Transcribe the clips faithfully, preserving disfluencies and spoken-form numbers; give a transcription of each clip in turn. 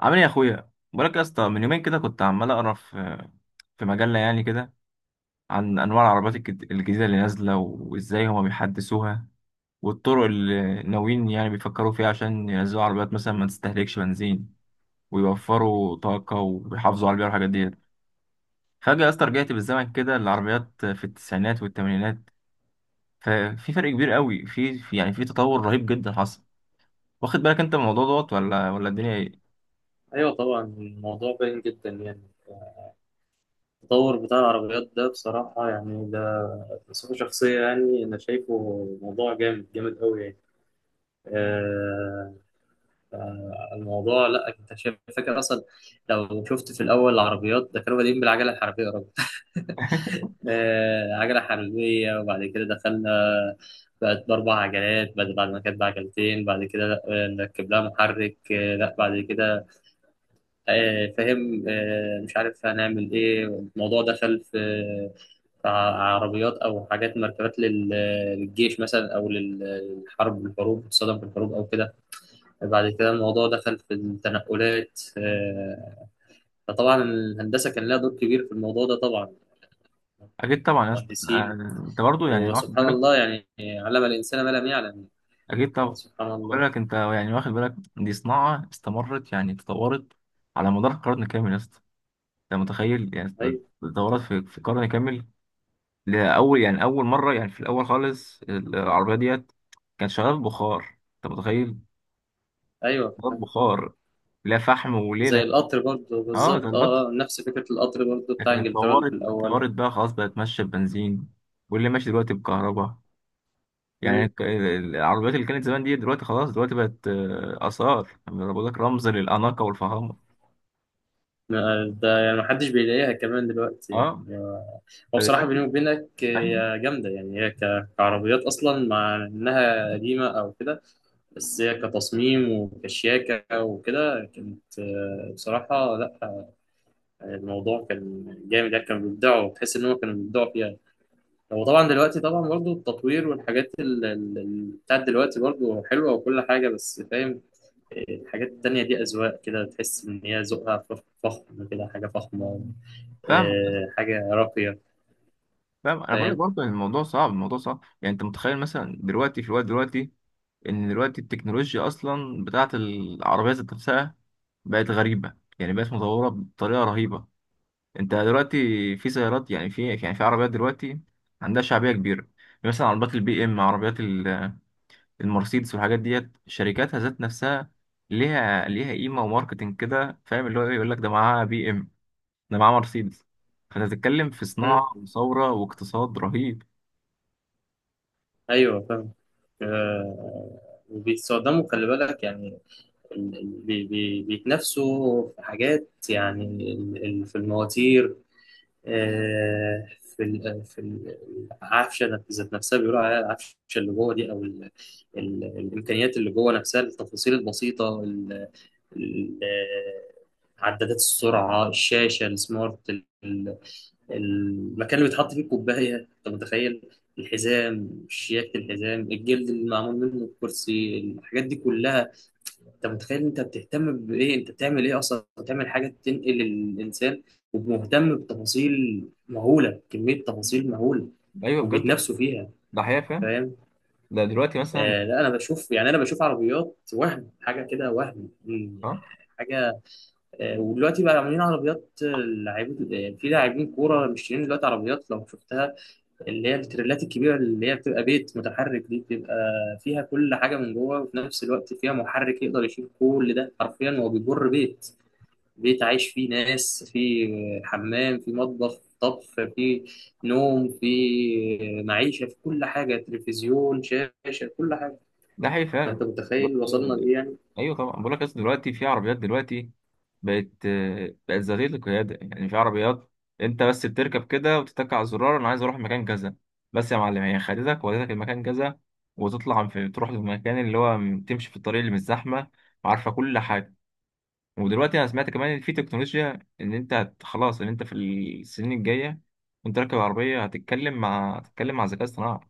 عامل ايه يا اخويا؟ بقولك يا اسطى، من يومين كده كنت عمال اقرا في في مجله يعني كده، عن انواع العربيات الجد- الجديده اللي نازله وازاي هما بيحدثوها، والطرق اللي ناويين يعني بيفكروا فيها عشان ينزلوا عربيات مثلا ما تستهلكش بنزين ويوفروا طاقه ويحافظوا على البيئه والحاجات ديت. فجاه يا اسطى رجعت بالزمن كده للعربيات في التسعينات والثمانينات. ففي فرق كبير قوي في في- يعني في تطور رهيب جدا حصل. واخد بالك انت من الموضوع دوت، ولا ولا الدنيا ايه؟ ايوه، طبعا الموضوع باين جدا يعني. التطور بتاع العربيات ده بصراحه يعني، ده بصفه شخصيه يعني، انا شايفه موضوع جامد جامد قوي يعني. آه آه، الموضوع، لا انت شايف فاكر اصلا؟ لو شفت في الاول العربيات ده كانوا بادئين بالعجله الحربيه يا راجل. آه، عجله حربيه، وبعد كده دخلنا بقت باربع عجلات بعد بعد ما كانت بعجلتين. بعد كده لا، آه، نركب لها محرك. آه، لا بعد كده آه، فاهم. آه، مش عارف هنعمل ايه. الموضوع دخل في في ع- عربيات او حاجات مركبات لل- للجيش مثلا، او لل- للحرب. الحروب تصطدم في الحروب او كده. بعد كده الموضوع دخل في التنقلات. آه، فطبعا الهندسه كان لها دور كبير في الموضوع ده طبعا، اكيد طبعا يا اسطى، آه. مهندسين. انت برضه يعني واخد وسبحان بالك. الله، يعني علم الانسان ما لم يعلم. أكيد آه، طبعا. سبحان بقول الله. لك أنت يعني واخد بالك، دي صناعة استمرت يعني تطورت على مدار قرن كامل يا اسطى. أنت متخيل يعني؟ ايوه. تطورت في في قرن كامل. لأول يعني أول مرة يعني في الأول خالص ال- العربية ديت كانت شغالة بخار، أنت متخيل؟ ايوه، شغالة بخار، لا فحم زي وليلة. القطر برضه أه، بالظبط، ده الأصل. اه، آه، نفس فكره القطر برضه بتاع لكن انجلترا في اتطورت الاول. اتطورت بقى، خلاص بقت ماشية ببنزين، واللي ماشي دلوقتي بكهرباء. يعني الك- العربيات اللي كانت زمان دي دلوقتي خلاص، دلوقتي بقت آه، آثار، يعني بقول لك رمز للأناقة والفخامة. ده يعني محدش بيلاقيها كمان دلوقتي اه، يعني. هو بصراحة بيني فدلوقتي. وبينك ايوه هي جامدة يعني، هي ك- كعربيات أصلا مع إنها قديمة أو كده. بس هي كتصميم وكشياكة وكده كانت، آه، بصراحة لأ. الموضوع كان جامد يعني، كانوا بيبدعوا، تحس إن هم كانوا بيبدعوا فيها. هو طبعا دلوقتي طبعا برضو التطوير والحاجات ال- ال- ال- بتاعت دلوقتي برضو حلوة وكل حاجة. بس فاهم، الحاجات التانية دي أذواق كده، تحس إن هي ذوقها فخ- فخم كده، حاجة فخمة. فاهمك، بس آه، حاجة راقية. فاهم، انا بقول لك فاهم. برضه إن الموضوع صعب، الموضوع صعب، يعني انت متخيل مثلا دلوقتي في الوقت دلوقتي؟ ان دلوقتي التكنولوجيا اصلا بتاعت العربيه ذات نفسها بقت غريبه، يعني بقت متطوره بطريقه رهيبه. انت دلوقتي، في سيارات يعني في يعني في عربيات دلوقتي عندها شعبيه كبيره، يعني مثلا عربيات البي ام، عربيات ال- المرسيدس والحاجات ديت. شركاتها ذات نفسها ليها ليها قيمه وماركتنج كده، فاهم اللي هو إيه؟ يقول لك ده معاها بي ام، ده معاه مرسيدس. فانت بتتكلم في مم. صناعه وثوره واقتصاد رهيب. أيوه فاهم. آه، وبيتصدموا خلي بالك يعني. ال- ال- بي- بي- بيتنافسوا في حاجات يعني. ال- ال- في المواتير. آه، في ال- في ال- العفشه ذات نفسها، بيقولوا عليها العفشه اللي جوه دي، او ال ال الامكانيات اللي جوه نفسها، التفاصيل البسيطه، ال- ال- عدادات السرعه، الشاشه السمارت، ال- المكان اللي بيتحط فيه الكوبايه، انت متخيل؟ الحزام، شياكه الحزام، الجلد اللي معمول منه الكرسي، الحاجات دي كلها. انت متخيل؟ انت بتهتم بايه؟ انت بتعمل ايه اصلا؟ بتعمل حاجه تنقل الانسان ومهتم بتفاصيل مهوله، كميه تفاصيل مهوله، ايوه بجد، وبيتنافسوا فيها. ده حقيقه فعلا. فاهم. ده دلوقتي مثلا. آه لا، انا بشوف يعني، انا بشوف عربيات وهم حاجه كده وهم مم، اه، حاجه. آه ودلوقتي بقى عاملين عربيات، آه، لعيب. آه، في لاعبين كوره، مش دلوقتي عربيات لو شفتها، اللي هي التريلات الكبيرة اللي هي بتبقى بيت متحرك. دي بتبقى فيها كل حاجة من جوه، وفي نفس الوقت فيها محرك يقدر يشيل كل ده. حرفيا هو بيجر بيت، بيت عايش فيه ناس، فيه حمام، فيه مطبخ، طبخ، فيه نوم، فيه معيشة، في كل حاجة، تلفزيون، شاشة، كل حاجة. ده حقيقي فأنت فعلا. متخيل وصلنا دلوقتي لإيه يعني. ايوه طبعا، بقول لك اصل دلوقتي في عربيات دلوقتي بقت، آه، بقت ذاتيه القياده، يعني في عربيات انت بس بتركب كده وتتك على الزرار، انا عايز اروح مكان كذا، بس يا معلم هي خدتك ودتك المكان كذا. وتطلع في تروح للمكان اللي هو م- تمشي في الطريق اللي مش زحمه وعارفه كل حاجه. ودلوقتي انا سمعت كمان ان في تكنولوجيا، ان انت هت- خلاص ان انت في السنين الجايه وانت راكب العربيه هتتكلم مع هتتكلم مع ذكاء اصطناعي،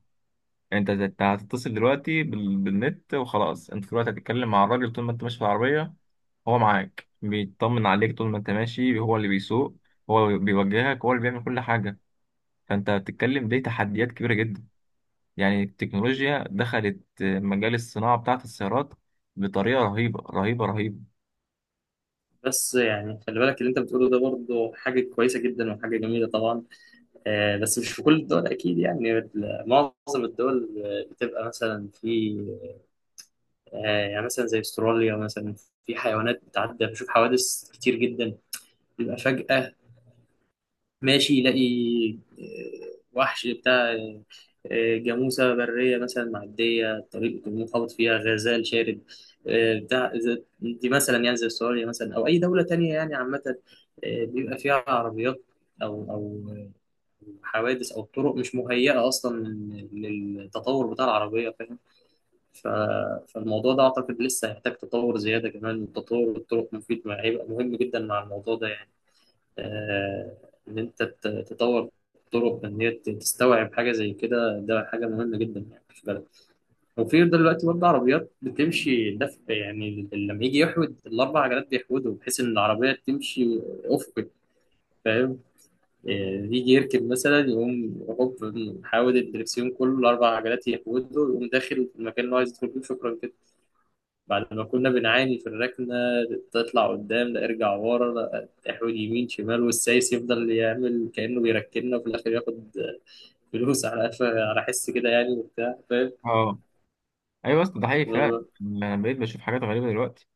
يعني انت هت- هتتصل دلوقتي بال... بالنت، وخلاص انت دلوقتي هتتكلم مع الراجل طول ما انت ماشي في العربيه، هو معاك بيطمن عليك طول ما انت ماشي، هو اللي بيسوق، هو اللي بيوجهك، هو اللي بيعمل كل حاجه. فانت بتتكلم دي تحديات كبيره جدا، يعني التكنولوجيا دخلت مجال الصناعه بتاعه السيارات بطريقه رهيبه رهيبه بس يعني خلي بالك، اللي أنت بتقوله ده برضه حاجة كويسة جدا وحاجة جميلة طبعا. آه، بس مش في كل الدول أكيد يعني، ال- معظم الدول بتبقى مثلا في آه، يعني مثلا زي أستراليا مثلا، في حيوانات بتعدي. بشوف حوادث كتير جدا، بيبقى فجأة ماشي يلاقي آه، وحش بتاع، آه، آه، جاموسة برية مثلا معدية الطريق، يكون منخبط فيها غزال شارد. آه، بتاع زي- دي مثلا يعني، زي أستراليا مثلا أو أي دولة تانية يعني عامة، آه، بيبقى فيها عربيات أو أو حوادث، او الطرق مش مهيئه اصلا للتطور بتاع العربيه. فاهم. ف... فالموضوع ده اعتقد لسه هيحتاج تطور زياده كمان، وتطور الطرق مفيد، مع- هيبقى مهم جدا مع الموضوع ده يعني. آه... ان انت تت- تطور الطرق، ان هي ت- تستوعب حاجه زي كده، ده حاجه مهمه جدا يعني في البلد. وفي دلوقتي برضه عربيات بتمشي دفع، يعني لما يجي يحود الاربع عجلات بيحودوا، بحيث ان العربيه تمشي افقي. فاهم. آه، يجي يركب مثلا، يقوم هوب محاول الدركسيون كله الأربع عجلات يهوده، ويقوم داخل في المكان اللي هو عايز يدخل فيه. شكرا كده. بعد ما كنا بنعاني في الركنة، تطلع قدام لا، ارجع ورا لا، تحويل يمين شمال، والسايس يفضل يعمل كأنه بيركننا، وفي الآخر ياخد فلوس. على قفا- على حس كده يعني وبتاع. فاهم. رهيبه. ايوه يا اسطى، ده حقيقي فعلا، انا بقيت بشوف حاجات غريبه دلوقتي.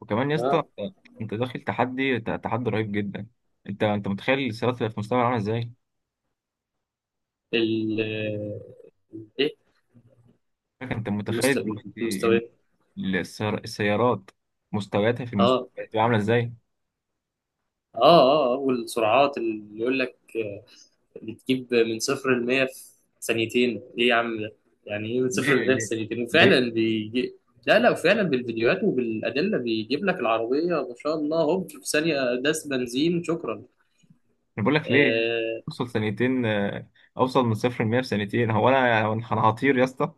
وكمان يا اسطى، آه. انت أنت داخل تحدي، ت- تحدي رهيب جدا. انت انت متخيل السيارات اللي في المستقبل عامله ازاي؟ ال ايه، انت متخيل المست- دلوقتي ان المستويات. السيار- السيارات مستوياتها في المستقبل اه، هتبقى عامله ازاي؟ اه، اه، والسرعات اللي يقول لك بتجيب من صفر لمية في ثانيتين. ايه يا عم ده؟ يعني ايه من صفر ليه، لمية في ليه، ثانيتين؟ وفعلا ليه؟ بيجي. لا لا، وفعلا بالفيديوهات وبالأدلة بيجيب لك العربية ما شاء الله، هوب في ثانية داس بنزين شكرا. انا بقول لك ليه. آه. اوصل ثانيتين آه، اوصل من صفر ل مية في ثانيتين! هو انا هو انا هطير يا اسطى؟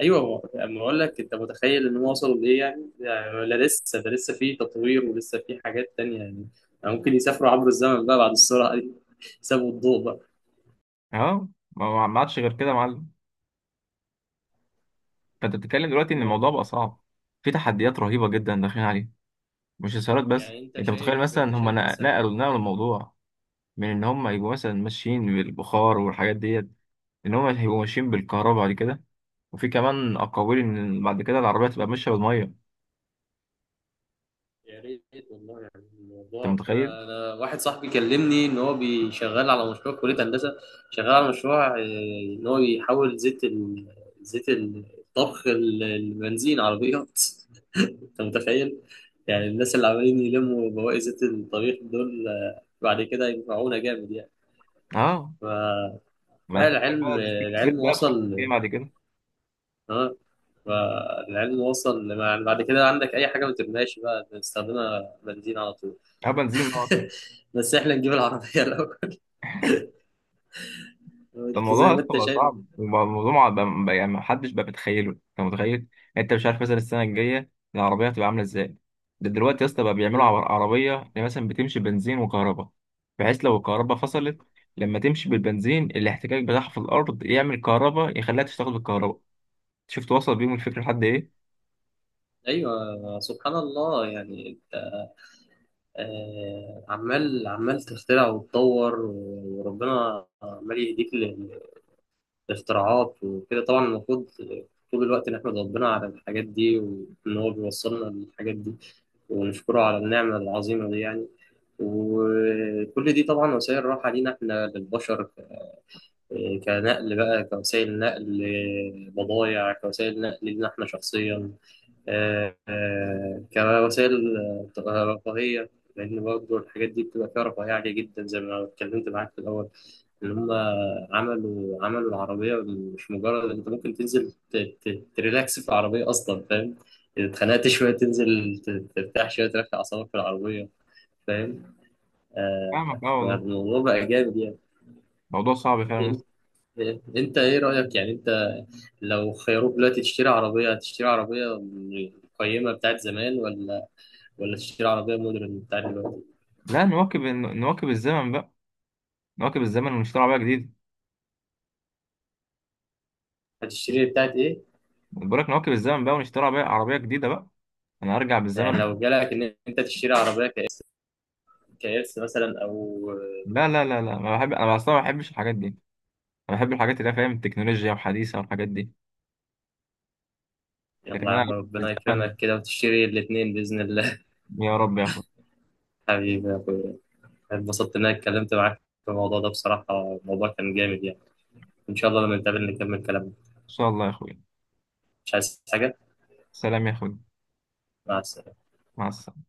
ايوه، هو اما اقول لك، انت متخيل ان هو وصلوا لايه يعني؟ يعني لا، لسه ده لسه في تطوير ولسه في حاجات تانية يعني. يعني ممكن يسافروا عبر الزمن بقى بعد السرعة دي. يسابوا الضوء بقى. اه. ما ما- ما عادش غير كده يا معلم. فانت بتتكلم دلوقتي ان الموضوع بقى صعب، في تحديات رهيبه جدا داخلين عليها، مش إثارات بس. يعني انت أنت متخيل شايف، انت مثلا هم شايف نق- مثلا، نقلوا نقلوا الموضوع من إن هم يبقوا مثلا ماشيين بالبخار والحاجات ديت، إن هم هيبقوا ماشيين بالكهرباء بعد كده، وفي كمان أقاويل إن بعد كده العربية تبقى ماشية بالمية. يا ريت والله يعني. أنت الموضوع متخيل؟ انا، انا واحد صاحبي كلمني ان هو بيشغال على مشروع في كليه هندسه، شغال على مشروع آه، ان هو يحول زيت ال... زيت الطبخ، ال- البنزين عربيات. انت متخيل؟ يعني الناس اللي عمالين يلموا بواقي زيت الطبيخ دول آه، بعد كده ينفعونا جامد يعني. أه، ف... بعد كده فالعلم العلم بقى في كتلة العلم بقى بخمسين وصل. بعد كده. اه. فالعلم وصل يعني، بعد كده عندك اي حاجه ما ترميهاش، بقى بنستخدمها بنزين على طول. أه، بنزين بقى. بس احنا نجيب العربية الأول. ده قلت زي الموضوع ما اصلا انت بقى شايف. صعب، وبقى الموضوع ما بقى- بقى- يعني محدش بقى بيتخيله، انت متخيل يعني؟ انت مش عارف مثلا السنه الجايه العربيه هتبقى عامله ازاي. ده دلوقتي يا اسطى بقى بيعملوا مم. عر- عربيه اللي مثلا بتمشي بنزين وكهرباء، بحيث لو الكهرباء فصلت، لما تمشي بالبنزين الاحتكاك بتاعها في الارض يعمل كهرباء يخليها تشتغل بالكهرباء. شفت وصل بيهم الفكره لحد ايه؟ ايوه سبحان الله يعني، انت آه، عمال عمال تخترع وتطور، وربنا عمال يهديك ل- لاختراعات وكده. طبعا المفروض طول الوقت نحمد ربنا على الحاجات دي، وان هو بيوصلنا للحاجات دي ونشكره على النعمة العظيمة دي يعني. وكل دي طبعا وسائل راحة لينا احنا للبشر. إيه، كنقل بقى، كوسائل نقل، إيه، بضايع، كوسائل نقل لينا احنا شخصيا. آه، آه، كوسائل آه، تبقى رفاهية، لأن برضه الحاجات دي بتبقى فيها رفاهية عالية جدا زي ما اتكلمت معاك في الأول. إن هم عملوا عملوا العربية، مش مجرد أنت ممكن تنزل ت- ت- تريلاكس في العربية أصلا. فاهم. إذا اتخنقت شوية، تنزل ت- ترتاح شوية، تريح أعصابك في العربية. فاهم. آه، فاهمك، اه والله، فالموضوع بقى جامد موضوع صعب فعلا يا اسطى. يعني. أنت إيه رأيك يعني؟ أنت لو خيروك دلوقتي تشتري عربية، هتشتري عربية من القيمة بتاعت زمان، ولا، ولا تشتري عربية مودرن بتاعت دلوقتي؟ لا، نواكب نواكب الزمن بقى، نواكب الزمن ونشتري عربيه جديده. هتشتري بتاعت إيه؟ بقول لك نواكب الزمن بقى ونشتري عربيه عربية جديده بقى. انا هرجع بالزمن؟ يعني لو جالك إن أنت تشتري عربية كإرث، كإرث مثلا أو... لا، لا، لا، لا، ما بحب انا اصلا، ما بحبش الحاجات دي. انا بحب الحاجات اللي هي فاهم، التكنولوجيا وحديثه والحاجات دي. لكن يلا يا انا عم ربنا بالزمن، يكرمك كده وتشتري الاتنين بإذن الله. يا رب يا اخوي. ان حبيبي يا أخويا، اتبسطت إن أنا اتكلمت معاك في الموضوع ده بصراحة. الموضوع كان جامد يعني. إن شاء الله لما نتقابل نكمل كلامنا. شاء الله يا اخوي. مش عايز حاجة. سلام يا اخوي. مع السلامة. مع السلامه.